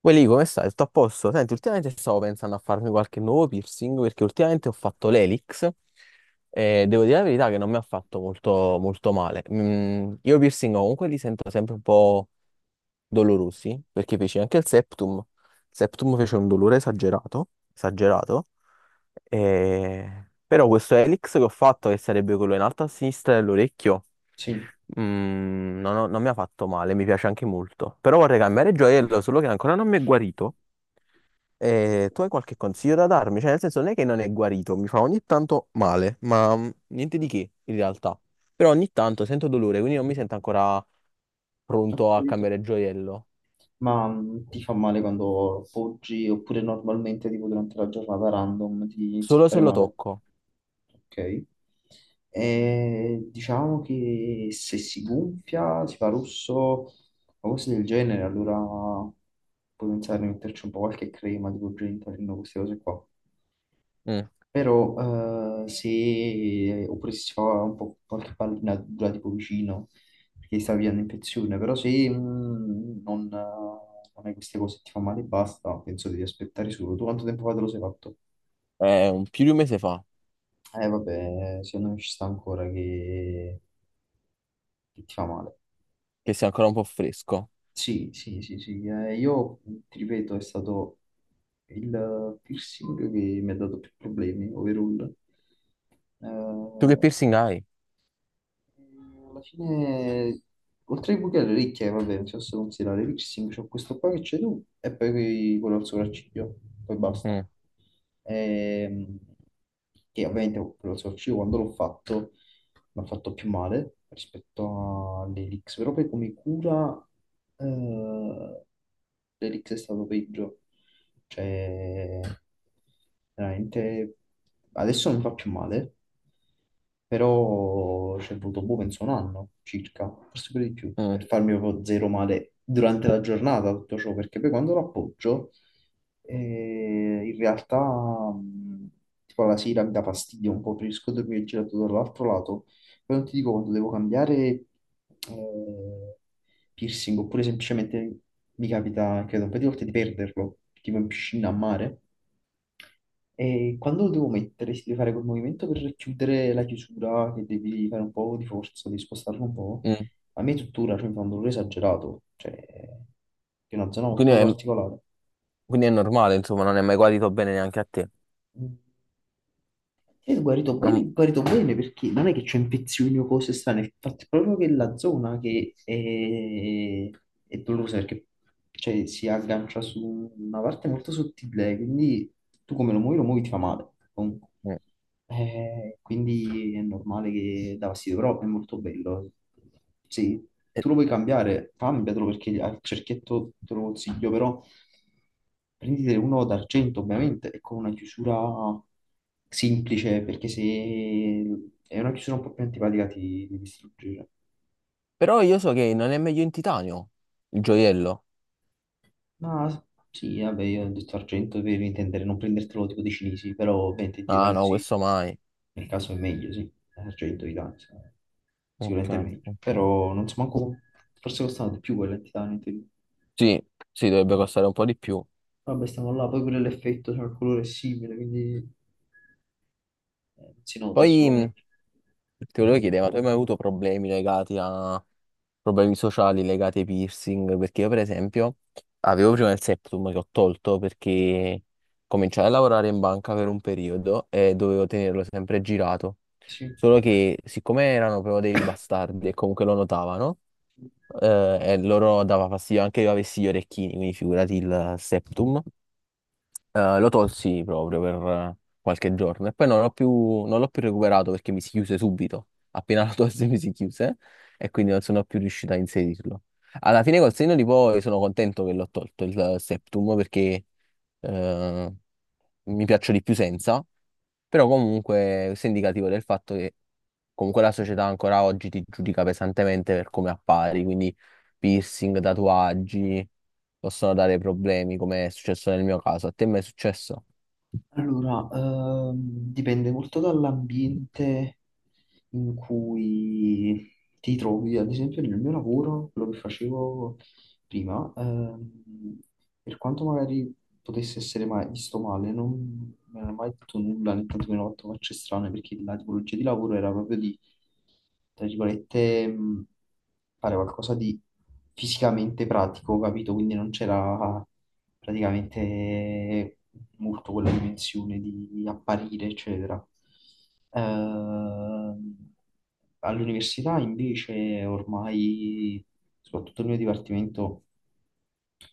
Poi lì come stai? Tutto a posto? Senti, ultimamente stavo pensando a farmi qualche nuovo piercing perché ultimamente ho fatto l'elix e devo dire la verità che non mi ha fatto molto male. Io i piercing comunque li sento sempre un po' dolorosi perché feci anche il septum. Il septum fece un dolore esagerato. Però questo elix che ho fatto, che sarebbe quello in alto a sinistra dell'orecchio, Sì, no, no, non mi ha fatto male, mi piace anche molto. Però vorrei cambiare gioiello, solo che ancora non mi è guarito. E tu hai qualche consiglio da darmi? Cioè, nel senso, non è che non è guarito, mi fa ogni tanto male, ma niente di che in realtà. Però ogni tanto sento dolore, quindi non mi sento ancora ho pronto a capito. cambiare gioiello. Ma ti fa male quando poggi oppure normalmente tipo durante la giornata random ti inizia a Solo fare se lo male? tocco. Ok. E diciamo che se si gonfia, si fa rosso o cose del genere, allora puoi pensare di metterci un po' qualche crema tipo Gentalin o queste cose qua. Mm. Però se, oppure se si fa un po' qualche pallina dura tipo vicino, perché sta via un'infezione, però se non hai queste cose, ti fa male e basta, penso devi aspettare solo. Tu quanto tempo fa te lo sei fatto? È un più di un mese fa, Eh vabbè, secondo me ci sta ancora che ti fa male. che sia ancora un po' fresco. Sì, sì, sì, sì. Io ti ripeto, è stato il piercing che mi ha dato più problemi, overall. Tu che Eh, piercing hai? Alla fine, oltre ai buchi alle orecchie, vabbè, non si possono considerare. Lipsing, c'ho questo qua che c'è tu e poi quello al sopracciglio, poi basta, Mm, ehm, che ovviamente lo Source io quando l'ho fatto mi ha fatto più male rispetto all'Elix, però poi come cura eh, l'Elix è stato peggio, cioè veramente adesso non mi fa più male, però ci è voluto boh, penso un anno circa, forse pure di più, mm, per farmi proprio zero male durante la giornata tutto ciò, perché poi quando lo appoggio e in realtà, tipo la sera mi dà fastidio un po', preferisco dormire girato dall'altro lato. Poi non ti dico quando devo cambiare eh, piercing, oppure semplicemente mi capita, credo, un paio di volte di perderlo, tipo in piscina a mare. E quando lo devo mettere, si deve fare quel movimento per chiudere la chiusura, che devi fare un po' di forza, devi spostarlo un po'. mm. A me tuttora, cioè, mi fa un dolore esagerato, cioè, è una zona Quindi molto è, particolare. quindi è normale, insomma, non è mai guarito bene neanche a te. Sì, è guarito bene perché non è che c'è infezioni o cose strane, il fatto è proprio che la zona che è dolorosa perché cioè, si aggancia su una parte molto sottile, quindi tu come lo muovi ti fa male, comunque. Mm. Quindi è normale che dà fastidio, però è molto bello. Sì, Eh, tu lo puoi cambiare, cambiatelo perché al cerchietto te lo consiglio, però prendite uno d'argento ovviamente e con una chiusura semplice perché se è una chiusura un po' più antipatica ti devi distruggere. Però io so che non è meglio in titanio il gioiello. Ma sì, vabbè, io ho detto argento per intendere non prendertelo tipo dei cinesi, però ovviamente di Ah danno no, sì, questo mai. nel caso è meglio, sì, argento di danno sì. Ok, sicuramente è meglio, ok. però non so manco, forse costano di più quelle di titanio in teoria. Sì, sì, dovrebbe costare un po' di più. Vabbè, stiamo là, poi pure l'effetto, cioè il colore è simile, quindi non si nota, è Poi solo meglio. ti volevo chiedere, ma tu hai mai avuto problemi legati a problemi sociali legati ai piercing? Perché io, per esempio, avevo prima il septum che ho tolto perché cominciai a lavorare in banca per un periodo e dovevo tenerlo sempre girato. Sì. Solo che, siccome erano proprio dei bastardi e comunque lo notavano, e loro dava fastidio anche che io avessi gli orecchini, quindi figurati il septum. Lo tolsi proprio per qualche giorno e poi non l'ho più recuperato perché mi si chiuse subito. Appena lo tolsi mi si chiuse e quindi non sono più riuscito a inserirlo. Alla fine col senno di poi sono contento che l'ho tolto il septum perché eh, mi piaccio di più senza. Però comunque questo è indicativo del fatto che comunque la società ancora oggi ti giudica pesantemente per come appari, quindi piercing, tatuaggi possono dare problemi, come è successo nel mio caso. A te mai è successo? Allora, dipende molto dall'ambiente in cui ti trovi. Ad esempio, nel mio lavoro, quello che facevo prima, per quanto magari potesse essere mai visto male, non mi hanno mai detto nulla, né tantomeno fatto facce strane, perché la tipologia di lavoro era proprio di, tra virgolette, fare qualcosa di fisicamente pratico, capito? Quindi non c'era praticamente molto quella dimensione di apparire, eccetera. Ehm, All'università invece ormai, soprattutto nel mio dipartimento,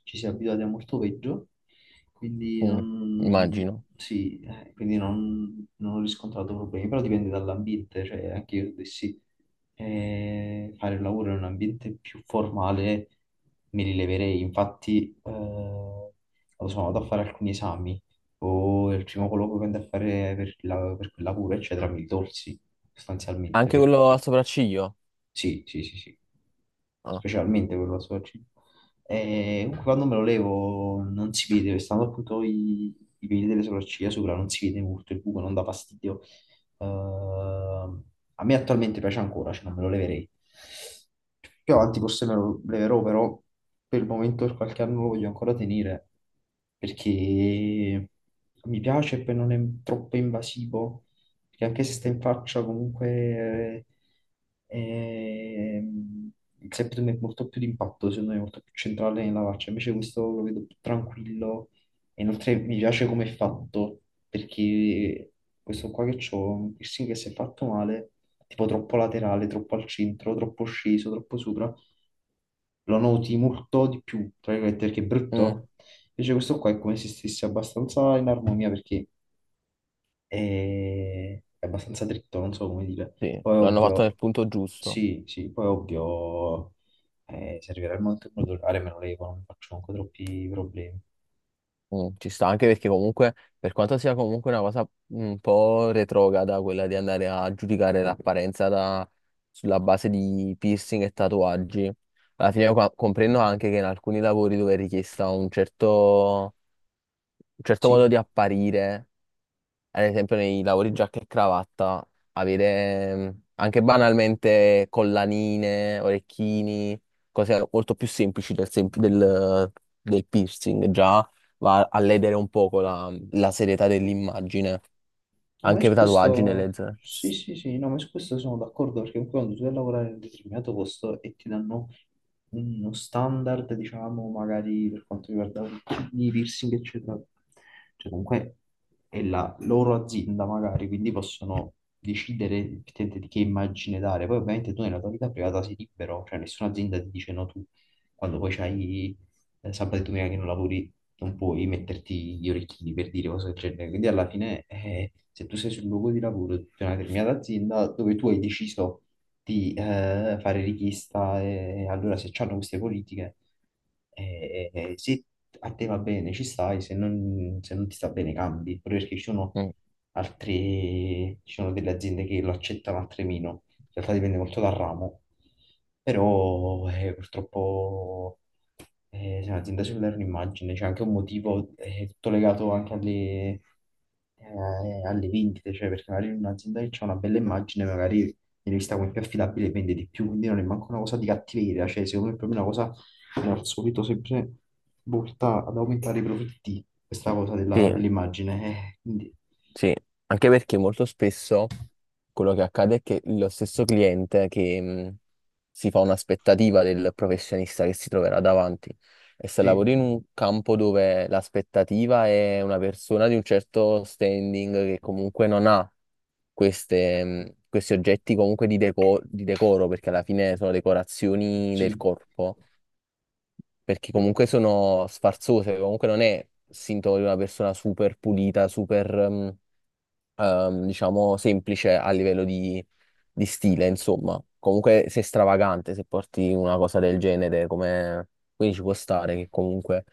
ci si è abituati a molto peggio, quindi Mm, non, immagino. sì, quindi non ho riscontrato problemi, però dipende dall'ambiente, cioè anche io dovessi fare il lavoro in un ambiente più formale me li leverei, infatti quando sono andato a fare alcuni esami, o il primo colloquio che andai a fare per, per quella cura, eccetera, mi tolsi sostanzialmente Anche quello perché al sopracciglio? sì, sì, sì, sì. Ah, Specialmente quello a soggetto. E comunque quando me lo levo non si vede, stando appunto i peli delle sopracciglia sopra, non si vede molto il buco, non dà fastidio. Ehm, A me attualmente piace ancora, cioè non me lo leverei. Più avanti forse me lo leverò, però per il momento per qualche anno lo voglio ancora tenere, perché mi piace e poi non è troppo invasivo perché anche se stai in faccia, comunque ehm, il septum è molto più d'impatto, secondo me, è molto più centrale nella faccia. Invece questo lo vedo più tranquillo. E inoltre mi piace come è fatto, perché questo qua che c'ho, un piercing che si è fatto male, tipo troppo laterale, troppo al centro, troppo sceso, troppo sopra, lo noti molto di più, tra virgolette, perché è mm, brutto. Invece questo qua è come se stesse abbastanza in armonia, perché è abbastanza dritto, non so come dire. sì, Poi l'hanno fatto nel ovvio, punto giusto. sì, sì, poi ovvio, se arriverà il momento in cui devo lavorare me lo levo, non mi faccio comunque troppi problemi. Mm, ci sta anche perché comunque, per quanto sia comunque una cosa un po' retrograda, quella di andare a giudicare sulla base di piercing e tatuaggi, comprendo anche che in alcuni lavori dove è richiesta un certo modo Sì, di apparire, ad esempio nei lavori giacca e cravatta, avere anche banalmente collanine, orecchini, cose molto più semplici del piercing, già va a ledere un poco la serietà dell'immagine, no, ma anche su per tatuaggi questo, nelle zone. sì, sì, sì, no, ma su questo sono d'accordo perché comunque quando tu vai a lavorare in un determinato posto e ti danno uno standard, diciamo, magari per quanto riguarda i piercing, eccetera, cioè comunque è la loro azienda magari, quindi possono decidere effettivamente di che immagine dare. Poi ovviamente tu nella tua vita privata sei libero, cioè nessuna azienda ti dice no tu, quando poi c'hai sabato e domenica che non lavori non puoi metterti gli orecchini per dire cose del genere. Quindi alla fine, se tu sei sul luogo di lavoro di una determinata azienda dove tu hai deciso di fare richiesta, e allora se c'hanno queste politiche, se a te va bene ci stai, se non ti sta bene cambi, proprio perché ci sono Mm, altre, ci sono delle aziende che lo accettano, altre meno. In realtà dipende molto dal ramo, però purtroppo sì, un'azienda cellulare è un'immagine, c'è anche un motivo, è tutto legato anche alle vendite, cioè perché magari in un'azienda che c'è una bella immagine, magari viene vista come più affidabile e vende di più, quindi non è manco una cosa di cattiveria, cioè secondo me è proprio una cosa come al solito sempre volta ad aumentare i profitti, questa cosa sì, dell'immagine, quindi sì, anche perché molto spesso quello che accade è che lo stesso cliente che si fa un'aspettativa del professionista che si troverà davanti e se sì, lavori in un campo dove l'aspettativa è una persona di un certo standing che comunque non ha queste, questi oggetti comunque di decoro, perché alla fine sono decorazioni del sì, corpo, perché comunque sono sfarzose, comunque non è sintomo di una persona super pulita, diciamo, semplice a livello di stile, insomma. Comunque sei stravagante se porti una cosa del genere, come... quindi ci può stare che comunque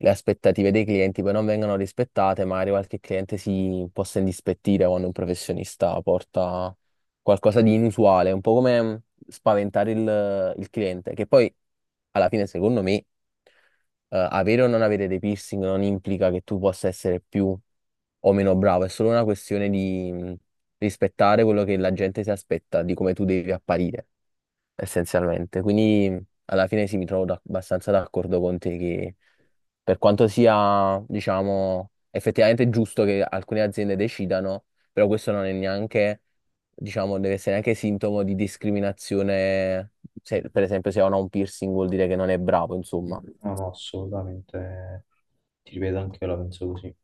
le aspettative dei clienti poi non vengano rispettate, magari qualche cliente si possa indispettire quando un professionista porta qualcosa di inusuale, un po' come spaventare il cliente, che poi alla fine secondo me avere o non avere dei piercing non implica che tu possa essere più o meno bravo, è solo una questione di rispettare quello che la gente si aspetta, di come tu devi apparire, essenzialmente. Quindi alla fine sì, mi trovo abbastanza d'accordo con te che per quanto sia, diciamo, effettivamente giusto che alcune aziende decidano, però questo non è neanche, diciamo, deve essere neanche sintomo di discriminazione. Se, per esempio, se uno ha un piercing vuol dire che non è bravo, insomma. no, no, assolutamente, ti ripeto, anche io la penso così.